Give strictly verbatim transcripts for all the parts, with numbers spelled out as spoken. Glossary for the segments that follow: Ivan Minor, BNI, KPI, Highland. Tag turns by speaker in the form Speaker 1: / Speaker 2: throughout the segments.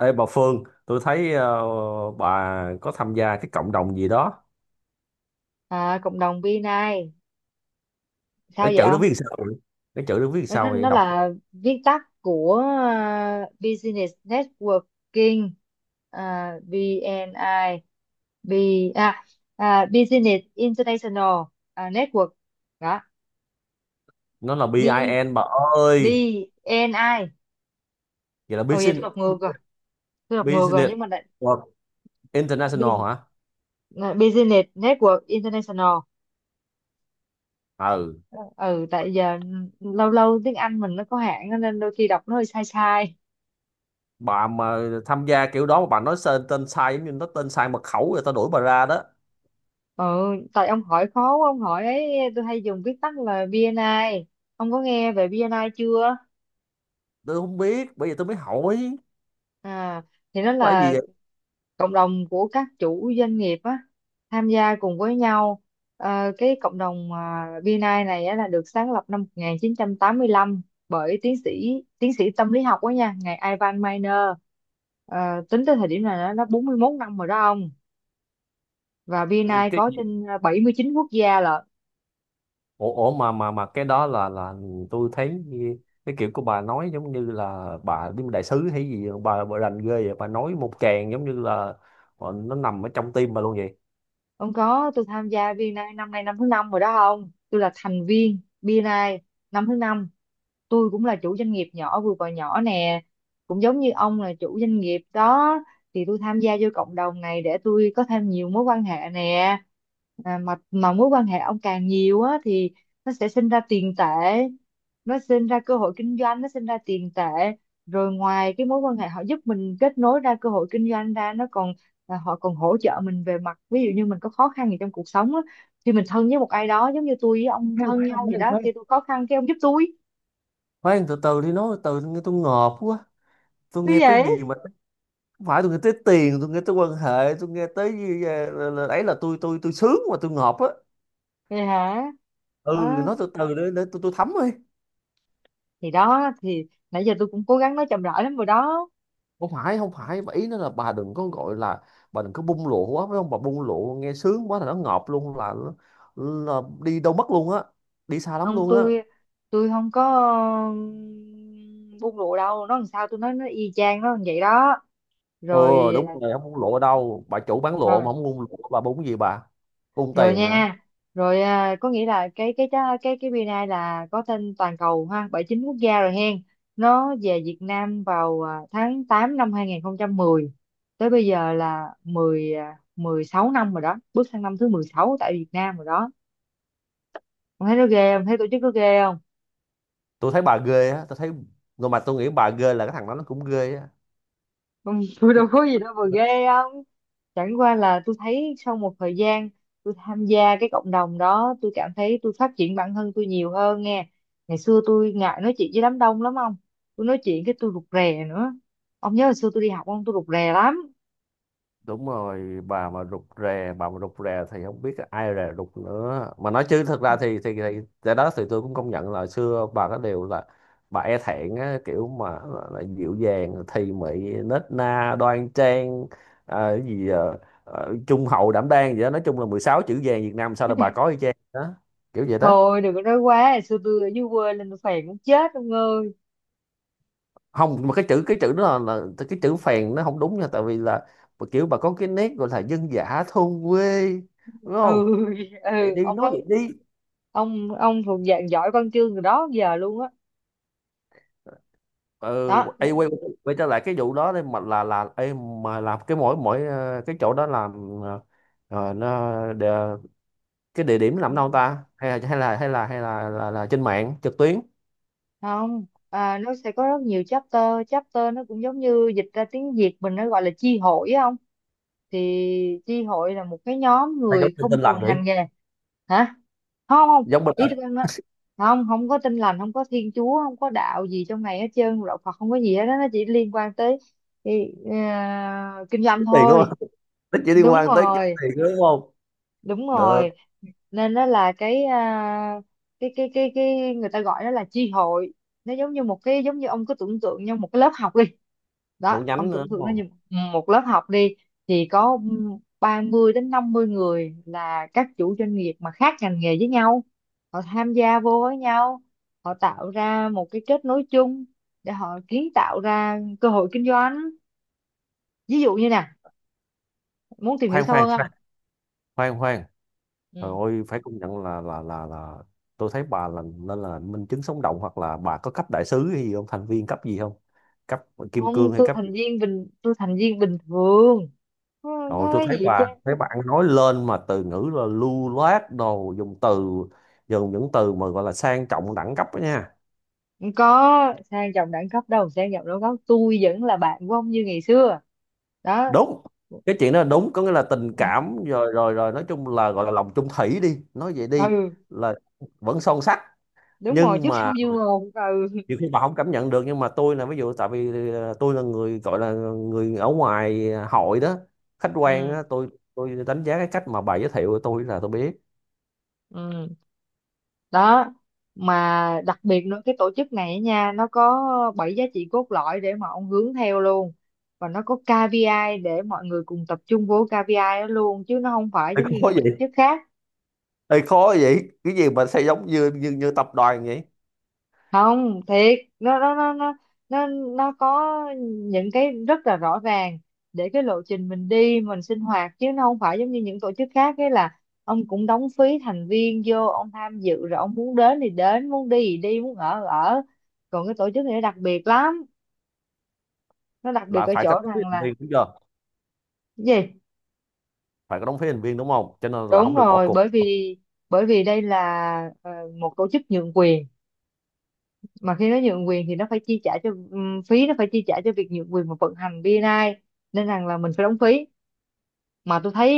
Speaker 1: Ê bà Phương, tôi thấy ờ, bà có tham gia cái cộng đồng gì đó.
Speaker 2: À, cộng đồng bê en I sao
Speaker 1: Nó
Speaker 2: vậy
Speaker 1: chữ nó
Speaker 2: ông?
Speaker 1: viết làm sao vậy? Nó chữ nó viết làm
Speaker 2: Nó
Speaker 1: sao vậy?
Speaker 2: nó
Speaker 1: Đọc
Speaker 2: là viết tắt của à, Business Networking, à, bê en I. B, à, à, Business International, à, Network đó.
Speaker 1: nó là bê I
Speaker 2: B,
Speaker 1: BIN bà ơi.
Speaker 2: B N I.
Speaker 1: Vậy là
Speaker 2: Ồ, vậy tôi
Speaker 1: Business
Speaker 2: đọc ngược rồi, tôi đọc ngược rồi,
Speaker 1: Business
Speaker 2: nhưng mà lại
Speaker 1: World International
Speaker 2: Bus-
Speaker 1: hả?
Speaker 2: à, Business Network International.
Speaker 1: Ừ,
Speaker 2: Ừ, tại giờ ừ, lâu lâu tiếng Anh mình nó có hạn nên đôi khi đọc nó hơi sai sai.
Speaker 1: bà mà tham gia kiểu đó mà bà nói tên, tên sai giống như nó tên sai mật khẩu rồi tao đuổi bà ra đó.
Speaker 2: Ừ, tại ông hỏi khó quá, ông hỏi ấy, tôi hay dùng viết tắt là bê en I. Ông có nghe về bê en I chưa?
Speaker 1: Tôi không biết, bây giờ tôi mới hỏi.
Speaker 2: À, thì nó
Speaker 1: Phải gì
Speaker 2: là
Speaker 1: vậy?
Speaker 2: cộng đồng của các chủ doanh nghiệp á, tham gia cùng với nhau. Ờ, cái cộng đồng à, bê en I này á, là được sáng lập năm một nghìn chín trăm tám mươi lăm bởi tiến sĩ tiến sĩ tâm lý học đó nha, ngài Ivan Minor. Ờ, tính tới thời điểm này nó nó bốn mươi mốt năm rồi đó ông, và bê en
Speaker 1: Ừ,
Speaker 2: I
Speaker 1: cái
Speaker 2: có trên bảy mươi chín quốc gia lận.
Speaker 1: ủa, ủa mà mà mà cái đó là là tôi thấy cái kiểu của bà nói giống như là bà đi đại sứ hay gì bà bà rành ghê vậy, bà nói một tràng giống như là ờ, nó nằm ở trong tim bà luôn vậy.
Speaker 2: Không có, tôi tham gia bê en I năm nay năm thứ năm rồi đó. Không, tôi là thành viên bê en I năm thứ năm. Tôi cũng là chủ doanh nghiệp nhỏ, vừa và nhỏ nè, cũng giống như ông là chủ doanh nghiệp đó. Thì tôi tham gia vô cộng đồng này để tôi có thêm nhiều mối quan hệ nè. À, mà mà mối quan hệ ông càng nhiều á, thì nó sẽ sinh ra tiền tệ, nó sinh ra cơ hội kinh doanh, nó sinh ra tiền tệ. Rồi ngoài cái mối quan hệ họ giúp mình kết nối ra cơ hội kinh doanh ra, nó còn là họ còn hỗ trợ mình về mặt, ví dụ như mình có khó khăn gì trong cuộc sống á, khi mình thân với một ai đó, giống như tôi với ông
Speaker 1: khoan
Speaker 2: thân
Speaker 1: khoan
Speaker 2: nhau vậy
Speaker 1: khoan
Speaker 2: đó,
Speaker 1: khoan
Speaker 2: khi tôi khó khăn cái ông giúp tôi.
Speaker 1: khoan từ từ đi, nói từ từ nghe, tôi ngợp quá. Tôi
Speaker 2: Thế
Speaker 1: nghe
Speaker 2: vậy?
Speaker 1: tới gì mà, không phải, tôi nghe tới tiền, tôi nghe tới quan hệ, tôi nghe tới gì, ờ, là, là, ấy là tôi tôi tôi sướng mà tôi ngợp á.
Speaker 2: Vậy hả?
Speaker 1: Ừ,
Speaker 2: Đó,
Speaker 1: nói từ từ để, để tôi tôi thấm đi.
Speaker 2: thì đó, thì nãy giờ tôi cũng cố gắng nói chậm rãi lắm rồi đó.
Speaker 1: Không phải không phải và ý nó là bà đừng có gọi là, bà đừng có bung lụa quá, phải không bà? Bung lụa nghe sướng quá là nó ngợp luôn, là là đi đâu mất luôn á, đi xa lắm
Speaker 2: Không,
Speaker 1: luôn á.
Speaker 2: tôi tôi không có ừm, buông lụa đâu, nó làm sao tôi nói nó y chang nó như vậy đó.
Speaker 1: Ừ, đúng rồi, không bung lụa ở đâu, bà chủ bán lụa
Speaker 2: Rồi,
Speaker 1: mà không bung lụa bà bung cái gì bà, bung
Speaker 2: rồi
Speaker 1: tiền hả?
Speaker 2: nha, rồi. À, có nghĩa là cái cái cái cái cái bê en I là có tên toàn cầu ha, bảy mươi chín quốc gia rồi hen. Nó về Việt Nam vào à, tháng tám năm hai không một không, tới bây giờ là mười à, mười sáu năm rồi đó, bước sang năm thứ mười sáu tại Việt Nam rồi đó. Ông thấy nó ghê không, thấy tổ chức nó ghê không?
Speaker 1: Tôi thấy bà ghê á, tôi thấy, nhưng mà tôi nghĩ bà ghê là cái thằng đó nó cũng ghê á.
Speaker 2: Ông- tôi
Speaker 1: Cái
Speaker 2: đâu có gì đâu mà ghê không, chẳng qua là tôi thấy sau một thời gian tôi tham gia cái cộng đồng đó, tôi cảm thấy tôi phát triển bản thân tôi nhiều hơn nghe. Ngày xưa tôi ngại nói chuyện với đám đông lắm ông, tôi nói chuyện cái tôi rụt rè nữa. Ông nhớ hồi xưa tôi đi học ông, tôi rụt rè lắm.
Speaker 1: đúng rồi, bà mà rụt rè, bà mà rụt rè thì không biết ai rè rụt nữa mà nói, chứ thật ra thì thì, thì cái đó thì tôi cũng công nhận là xưa bà có, điều là bà e thẹn á, kiểu mà là, là dịu dàng thì mị, nết na đoan trang, à, cái gì à, à, trung hậu đảm đang, vậy đó. Nói chung là mười sáu chữ vàng Việt Nam sao là bà có y chang đó, kiểu vậy đó.
Speaker 2: Thôi đừng có nói quá, hồi xưa tôi ở dưới quê lên, tôi phèn muốn chết ông ơi.
Speaker 1: Không, mà cái chữ, cái chữ đó là, là cái chữ phèn nó không đúng nha, tại vì là kiểu bà có cái nét gọi là dân dã thôn quê, đúng
Speaker 2: Ừ.
Speaker 1: không? Vậy
Speaker 2: Ừ,
Speaker 1: đi,
Speaker 2: ông
Speaker 1: nói vậy
Speaker 2: nói,
Speaker 1: đi.
Speaker 2: ông ông thuộc dạng giỏi văn chương rồi đó, giờ luôn á.
Speaker 1: ừ, ấy, quay, quay trở lại cái vụ đó đi, mà là là ấy, mà làm cái mỗi mỗi ờ, cái chỗ đó làm, ờ, ờ, nó địa, cái địa điểm làm
Speaker 2: Đó.
Speaker 1: đâu ta, hay là hay là hay là hay là, là, là trên mạng trực tuyến,
Speaker 2: Không, à, nó sẽ có rất nhiều chapter. Chapter nó cũng giống như dịch ra tiếng Việt mình nó gọi là chi hội á. Không, thì chi hội là một cái nhóm
Speaker 1: hay giống
Speaker 2: người
Speaker 1: tin
Speaker 2: không
Speaker 1: tin lành
Speaker 2: cùng
Speaker 1: vậy,
Speaker 2: ngành nghề. Hả? Không không,
Speaker 1: giống bên
Speaker 2: ý
Speaker 1: lệnh.
Speaker 2: tôi nói, không không có tin lành, không có thiên chúa, không có đạo gì trong này hết trơn, đạo Phật không có gì hết đó, nó chỉ liên quan tới thì, ờ, kinh doanh
Speaker 1: Kiếm tiền đúng
Speaker 2: thôi.
Speaker 1: không? Nó chỉ liên
Speaker 2: Đúng
Speaker 1: quan tới kiếm
Speaker 2: rồi.
Speaker 1: tiền đúng không?
Speaker 2: Đúng
Speaker 1: Được.
Speaker 2: rồi. Nên nó là cái à, cái, cái cái cái người ta gọi nó là chi hội. Nó giống như một cái, giống như ông cứ tưởng tượng như một cái lớp học đi. Đó,
Speaker 1: Một
Speaker 2: ông
Speaker 1: nhánh nữa
Speaker 2: tưởng
Speaker 1: đúng
Speaker 2: tượng nó
Speaker 1: không?
Speaker 2: như một lớp học đi, thì có ba mươi đến năm mươi người là các chủ doanh nghiệp mà khác ngành nghề với nhau. Họ tham gia vô với nhau, họ tạo ra một cái kết nối chung để họ kiến tạo ra cơ hội kinh doanh. Ví dụ như nè, muốn tìm hiểu
Speaker 1: khoan
Speaker 2: sâu
Speaker 1: khoan khoan
Speaker 2: hơn.
Speaker 1: khoan khoan Trời
Speaker 2: Không,
Speaker 1: ơi, phải công nhận là là là là tôi thấy bà là nên là minh chứng sống động, hoặc là bà có cấp đại sứ hay gì không, thành viên cấp gì không, cấp kim
Speaker 2: không,
Speaker 1: cương hay
Speaker 2: tôi
Speaker 1: cấp.
Speaker 2: thành viên bình tôi thành viên bình thường, không
Speaker 1: Rồi
Speaker 2: có
Speaker 1: tôi
Speaker 2: cái
Speaker 1: thấy
Speaker 2: gì chứ.
Speaker 1: bà, thấy bạn nói lên mà từ ngữ là lưu loát, đồ dùng từ, dùng những từ mà gọi là sang trọng đẳng cấp đó nha.
Speaker 2: Không có sang trọng đẳng cấp đâu, sang trọng đẳng cấp tôi vẫn là bạn của ông như ngày xưa. Đó.
Speaker 1: Đúng, cái chuyện đó là đúng, có nghĩa là tình cảm rồi rồi rồi nói chung là gọi là lòng chung thủy đi, nói vậy đi,
Speaker 2: Ừ.
Speaker 1: là vẫn son sắt.
Speaker 2: Đúng rồi,
Speaker 1: Nhưng
Speaker 2: trước
Speaker 1: mà
Speaker 2: sau như một. Ừ.
Speaker 1: nhiều khi bà không cảm nhận được, nhưng mà tôi là ví dụ, tại vì ờ, tôi là người gọi là người ở ngoài hội đó, khách quan
Speaker 2: Ừ.
Speaker 1: á, tôi tôi đánh giá cái cách mà bà giới thiệu của tôi là tôi biết.
Speaker 2: Ừ. Đó. Mà đặc biệt nữa, cái tổ chức này á nha, nó có bảy giá trị cốt lõi để mà ông hướng theo luôn. Và nó có ca pê i để mọi người cùng tập trung vô ca pê i đó luôn, chứ nó không phải giống như
Speaker 1: Có
Speaker 2: những
Speaker 1: gì?
Speaker 2: tổ chức khác.
Speaker 1: Ê, khó vậy, cái gì mà sẽ giống như như như tập đoàn vậy.
Speaker 2: Không thiệt, nó nó nó nó nó nó có những cái rất là rõ ràng để cái lộ trình mình đi, mình sinh hoạt, chứ nó không phải giống như những tổ chức khác ấy, là ông cũng đóng phí thành viên vô ông tham dự, rồi ông muốn đến thì đến, muốn đi thì đi, muốn ở thì ở. Còn cái tổ chức này nó đặc biệt lắm, nó đặc biệt
Speaker 1: Là
Speaker 2: ở
Speaker 1: phải có
Speaker 2: chỗ
Speaker 1: đóng phí
Speaker 2: rằng
Speaker 1: thành
Speaker 2: là-
Speaker 1: viên đúng chưa?
Speaker 2: Cái gì?
Speaker 1: Phải có đóng phí thành viên đúng không, cho nên là
Speaker 2: Đúng
Speaker 1: không được bỏ
Speaker 2: rồi.
Speaker 1: cuộc.
Speaker 2: Bởi vì bởi vì đây là, ờ, một tổ chức nhượng quyền, mà khi nó nhượng quyền thì nó phải chi trả cho, ừm, phí nó phải chi trả cho việc nhượng quyền và vận hành bê en I, nên rằng là mình phải đóng phí. Mà tôi thấy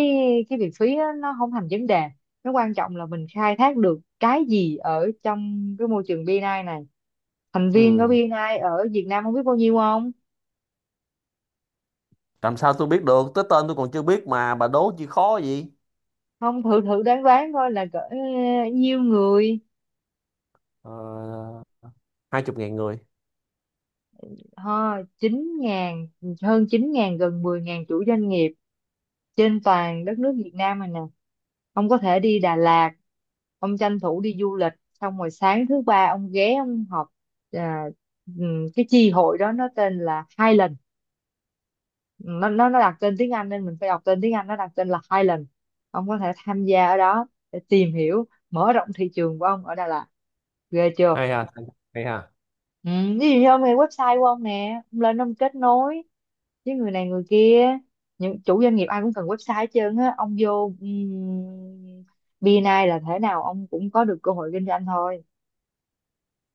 Speaker 2: cái việc phí á, nó không thành vấn đề, nó quan trọng là mình khai thác được cái gì ở trong cái môi trường bê en I này. Thành viên của
Speaker 1: Ừ.
Speaker 2: bê en I ở Việt Nam không biết bao nhiêu không?
Speaker 1: Làm sao tôi biết được, tới tên tôi còn chưa biết mà bà đố chi khó gì.
Speaker 2: Không, thử thử đoán đoán coi là cỡ ờ, nhiêu người.
Speaker 1: uh, hai chục ngàn người.
Speaker 2: Ha, chín ngàn, hơn chín ngàn, gần mười ngàn chủ doanh nghiệp trên toàn đất nước Việt Nam này nè. Ông có thể đi Đà Lạt, ông tranh thủ đi du lịch, xong rồi sáng thứ ba ông ghé ông họp à, ừm, cái chi hội đó nó tên là Highland. Nó nó nó đặt tên tiếng Anh nên mình phải đọc tên tiếng Anh, nó đặt tên là Highland. Ông có thể tham gia ở đó để tìm hiểu mở rộng thị trường của ông ở Đà Lạt. Ghê chưa.
Speaker 1: Hay ha, hay ha.
Speaker 2: Ừ, ví dụ như ông hay website của ông nè, ông lên ông kết nối chứ, người này người kia, những chủ doanh nghiệp ai cũng cần website hết trơn á, ông vô um, bê en I là thế nào ông cũng có được cơ hội kinh doanh thôi.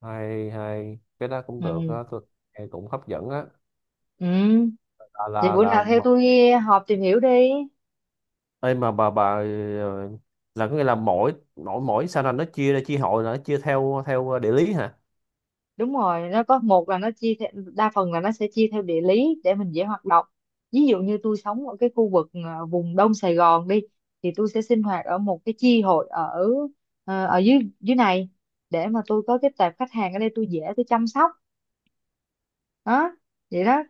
Speaker 1: Hay, hay cái đó cũng được á
Speaker 2: Ừ.
Speaker 1: tôi, nghe cũng hấp dẫn á.
Speaker 2: Ừ.
Speaker 1: Là
Speaker 2: Vậy
Speaker 1: là
Speaker 2: bữa
Speaker 1: là
Speaker 2: nào theo
Speaker 1: mà-
Speaker 2: tôi họp tìm hiểu đi.
Speaker 1: ê mà bà bà ờ, là có nghĩa là mỗi mỗi mỗi sao là nó chia ra, chia hội là nó chia theo, theo địa lý hả?
Speaker 2: Đúng rồi, nó có một là nó chia theo, đa phần là nó sẽ chia theo địa lý để mình dễ hoạt động. Ví dụ như tôi sống ở cái khu vực ờ, vùng Đông Sài Gòn đi, thì tôi sẽ sinh hoạt ở một cái chi hội ở ờ, ở dưới dưới này để mà tôi có cái tệp khách hàng ở đây tôi dễ tôi chăm sóc. Đó, vậy đó.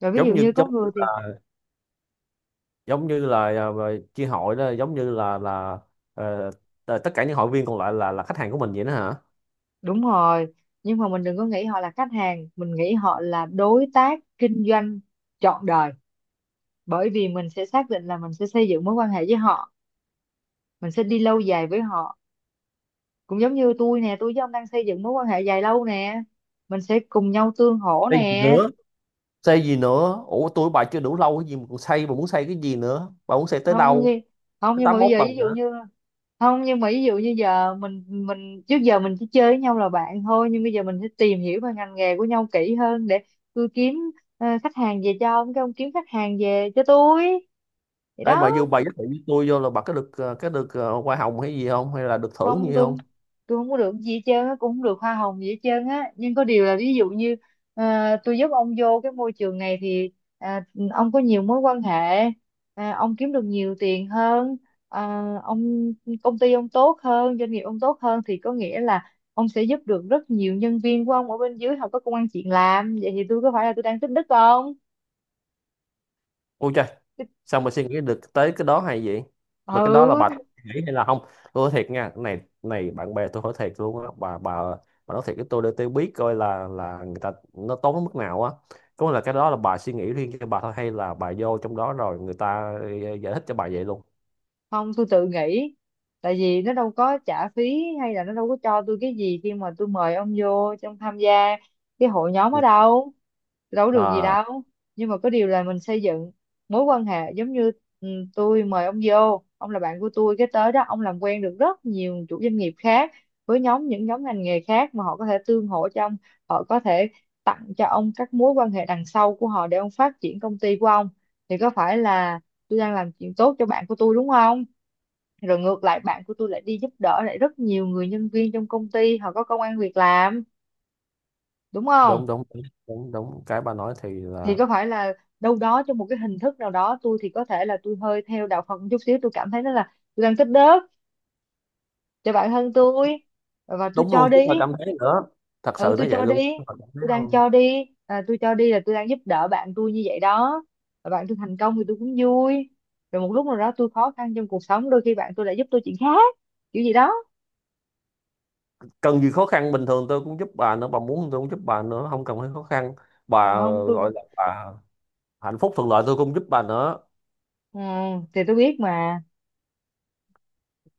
Speaker 2: Rồi ví dụ
Speaker 1: giống như
Speaker 2: như có
Speaker 1: giống như
Speaker 2: người thì-
Speaker 1: giống như là à, chia hội đó giống như là là ờ, t- tất cả những hội viên còn lại là là khách hàng của mình vậy đó hả?
Speaker 2: Đúng rồi, nhưng mà mình đừng có nghĩ họ là khách hàng, mình nghĩ họ là đối tác kinh doanh trọn đời. Bởi vì mình sẽ xác định là mình sẽ xây dựng mối quan hệ với họ, mình sẽ đi lâu dài với họ, cũng giống như tôi nè, tôi với ông đang xây dựng mối quan hệ dài lâu nè, mình sẽ cùng nhau tương hỗ
Speaker 1: Đây gì
Speaker 2: nè.
Speaker 1: nữa, xây gì nữa, ủa tôi với bà chưa đủ lâu cái gì mà còn xây, bà muốn xây cái gì nữa, bà muốn xây tới
Speaker 2: không
Speaker 1: đâu,
Speaker 2: như không
Speaker 1: tới
Speaker 2: nhưng mà
Speaker 1: tám
Speaker 2: bây
Speaker 1: mốt
Speaker 2: giờ
Speaker 1: tầng
Speaker 2: ví dụ
Speaker 1: hả?
Speaker 2: như- Không, nhưng mà ví dụ như giờ mình mình trước giờ mình chỉ chơi với nhau là bạn thôi, nhưng bây giờ mình sẽ tìm hiểu về ngành nghề của nhau kỹ hơn để tôi kiếm ờ, khách hàng về cho ông, cái ông kiếm khách hàng về cho tôi, vậy
Speaker 1: Đây
Speaker 2: đó.
Speaker 1: mà vô bà giới thiệu với tôi vô là bà có được ờ, cái được ờ, hoa hồng hay gì không, hay là được thưởng
Speaker 2: Không,
Speaker 1: gì
Speaker 2: tôi
Speaker 1: không?
Speaker 2: tôi không có được gì hết trơn á, cũng không được hoa hồng gì hết trơn á, nhưng có điều là ví dụ như à, tôi giúp ông vô cái môi trường này thì à, ông có nhiều mối quan hệ, à, ông kiếm được nhiều tiền hơn, à, ông công ty ông tốt hơn, doanh nghiệp ông tốt hơn, thì có nghĩa là ông sẽ giúp được rất nhiều nhân viên của ông ở bên dưới không có công ăn chuyện làm, vậy thì tôi có phải là tôi đang tích đức không?
Speaker 1: Ôi trời, xong rồi suy nghĩ được tới cái đó hay gì, mà cái đó là bà
Speaker 2: Ừ.
Speaker 1: nghĩ hay là không. Tôi nói thiệt nha, cái này này bạn bè tôi hỏi thiệt luôn á, bà bà bà nói thiệt với tôi để tôi biết coi là là người ta nó tốn đến mức nào á. Có nghĩa là cái đó là bà suy nghĩ riêng cho bà thôi, hay là bà vô trong đó rồi người ta ờ, giải thích cho bà vậy luôn?
Speaker 2: Không, tôi tự nghĩ, tại vì nó đâu có trả phí hay là nó đâu có cho tôi cái gì khi mà tôi mời ông vô trong tham gia cái hội nhóm ở đâu, đâu có được gì
Speaker 1: À,
Speaker 2: đâu. Nhưng mà có điều là mình xây dựng mối quan hệ, giống như ừ, tôi mời ông vô, ông là bạn của tôi, cái tới đó ông làm quen được rất nhiều chủ doanh nghiệp khác, với nhóm những nhóm ngành nghề khác mà họ có thể tương hỗ cho ông. Họ có thể tặng cho ông các mối quan hệ đằng sau của họ để ông phát triển công ty của ông. Thì có phải là tôi đang làm chuyện tốt cho bạn của tôi đúng không? Rồi ngược lại bạn của tôi lại đi giúp đỡ lại rất nhiều người, nhân viên trong công ty họ có công ăn việc làm, đúng không?
Speaker 1: đúng đúng đúng đúng, đúng. Cái bà nói thì
Speaker 2: Thì
Speaker 1: là
Speaker 2: có phải là đâu đó trong một cái hình thức nào đó, tôi thì có thể là tôi hơi theo đạo Phật một chút xíu, tôi cảm thấy nó là tôi đang tích đức cho bản thân tôi và tôi
Speaker 1: đúng
Speaker 2: cho
Speaker 1: luôn, chứ
Speaker 2: đi.
Speaker 1: không phải cảm thấy nữa, thật
Speaker 2: Ừ,
Speaker 1: sự nó
Speaker 2: tôi
Speaker 1: vậy
Speaker 2: cho
Speaker 1: luôn, chứ
Speaker 2: đi,
Speaker 1: không phải cảm thấy
Speaker 2: tôi đang
Speaker 1: đâu.
Speaker 2: cho đi. À, tôi cho đi là tôi đang giúp đỡ bạn tôi như vậy đó. Và bạn tôi thành công thì tôi cũng vui. Rồi một lúc nào đó tôi khó khăn trong cuộc sống, đôi khi bạn tôi lại giúp tôi chuyện khác, kiểu gì đó.
Speaker 1: Cần gì khó khăn, bình thường tôi cũng giúp bà nữa, bà muốn tôi cũng giúp bà nữa, không cần phải khó khăn.
Speaker 2: Mà
Speaker 1: Bà
Speaker 2: không, tôi,
Speaker 1: gọi là bà, hạnh phúc thuận lợi tôi cũng giúp bà nữa.
Speaker 2: ừ, thì tôi biết mà.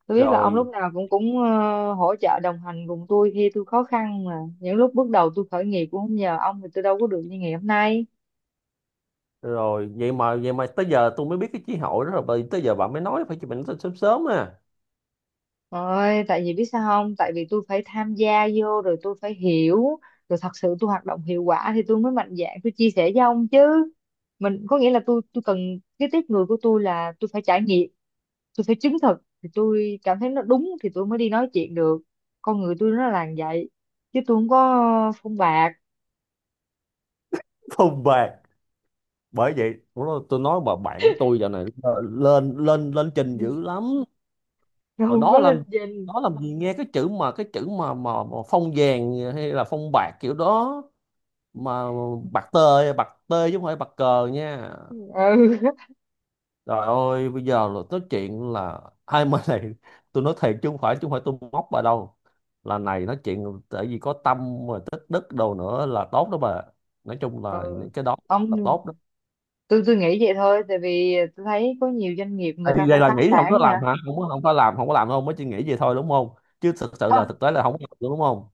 Speaker 2: Tôi biết là ông lúc
Speaker 1: Rồi,
Speaker 2: nào cũng cũng ờ, hỗ trợ đồng hành cùng tôi khi tôi khó khăn, mà những lúc bước đầu tôi khởi nghiệp cũng không nhờ ông thì tôi đâu có được như ngày hôm nay.
Speaker 1: rồi vậy mà, vậy mà tới giờ tôi mới biết cái chí hội đó, rồi bởi- tới giờ bà mới nói, phải chụp nói sớm sớm à.
Speaker 2: Ôi tại vì biết sao không, tại vì tôi phải tham gia vô rồi tôi phải hiểu, rồi thật sự tôi hoạt động hiệu quả thì tôi mới mạnh dạn tôi chia sẻ với ông chứ. Mình có nghĩa là tôi tôi cần, cái tiếp người của tôi là tôi phải trải nghiệm, tôi phải chứng thực thì tôi cảm thấy nó đúng thì tôi mới đi nói chuyện được. Con người tôi nó là như vậy, chứ tôi không có phong bạc.
Speaker 1: Không bạc. Bởi vậy lúc đó tôi nói bà bạn của tôi giờ này ờ, lên lên lên trình dữ lắm.
Speaker 2: Tôi
Speaker 1: Hồi
Speaker 2: không
Speaker 1: đó
Speaker 2: có
Speaker 1: làm,
Speaker 2: lên danh.
Speaker 1: đó làm gì nghe cái chữ mà cái chữ mà mà, mà phong vàng hay là phong bạc kiểu đó mà,
Speaker 2: Ừ.
Speaker 1: bạc tê bạc tê chứ không phải bạc cờ nha. Trời ơi, bây giờ là nói chuyện là ai mà này, tôi nói thiệt chứ không phải chứ không phải tôi móc bà đâu. Là này nói chuyện tại vì có tâm mà tích đức đồ nữa là tốt đó bà. Nói chung là
Speaker 2: Ừ.
Speaker 1: những cái đó là
Speaker 2: Ông,
Speaker 1: tốt đó.
Speaker 2: tôi tôi nghĩ vậy thôi, tại vì tôi thấy có nhiều doanh nghiệp
Speaker 1: Ê,
Speaker 2: người ta phải
Speaker 1: vậy là
Speaker 2: phá
Speaker 1: nghĩ không có
Speaker 2: sản nè.
Speaker 1: làm hả? Không có không có làm, không có làm đâu, mới chỉ nghĩ vậy thôi đúng không? Chứ thực sự là
Speaker 2: Không,
Speaker 1: thực tế là không có làm đúng không?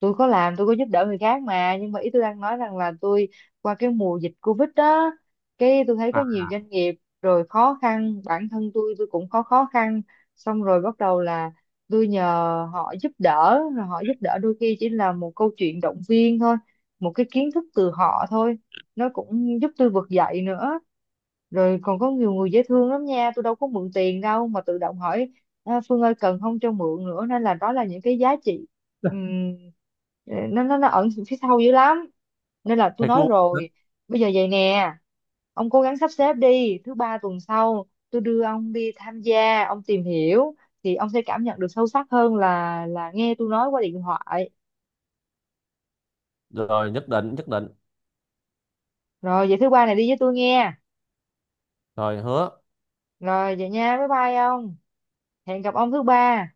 Speaker 2: tôi có làm, tôi có giúp đỡ người khác mà, nhưng mà ý tôi đang nói rằng là tôi qua cái mùa dịch Covid đó, cái tôi thấy có
Speaker 1: À,
Speaker 2: nhiều doanh nghiệp rồi khó khăn, bản thân tôi tôi cũng có khó khăn, xong rồi bắt đầu là tôi nhờ họ giúp đỡ. Rồi họ giúp đỡ đôi khi chỉ là một câu chuyện động viên thôi, một cái kiến thức từ họ thôi, nó cũng giúp tôi vực dậy nữa. Rồi còn có nhiều người dễ thương lắm nha, tôi đâu có mượn tiền đâu mà tự động hỏi: "À, Phương ơi, cần không cho mượn", nữa. Nên là đó là những cái giá trị, ừm, ờ, nó nó nó ẩn phía sau dữ lắm. Nên là tôi
Speaker 1: thiệt
Speaker 2: nói
Speaker 1: luôn.
Speaker 2: rồi, bây giờ vậy nè, ông cố gắng sắp xếp đi, thứ ba tuần sau tôi đưa ông đi tham gia, ông tìm hiểu thì ông sẽ cảm nhận được sâu sắc hơn là là nghe tôi nói qua điện thoại.
Speaker 1: Rồi nhất định, nhất định.
Speaker 2: Rồi vậy thứ ba này đi với tôi nghe.
Speaker 1: Rồi hứa.
Speaker 2: Rồi vậy nha, bye bye ông, hẹn gặp ông thứ ba.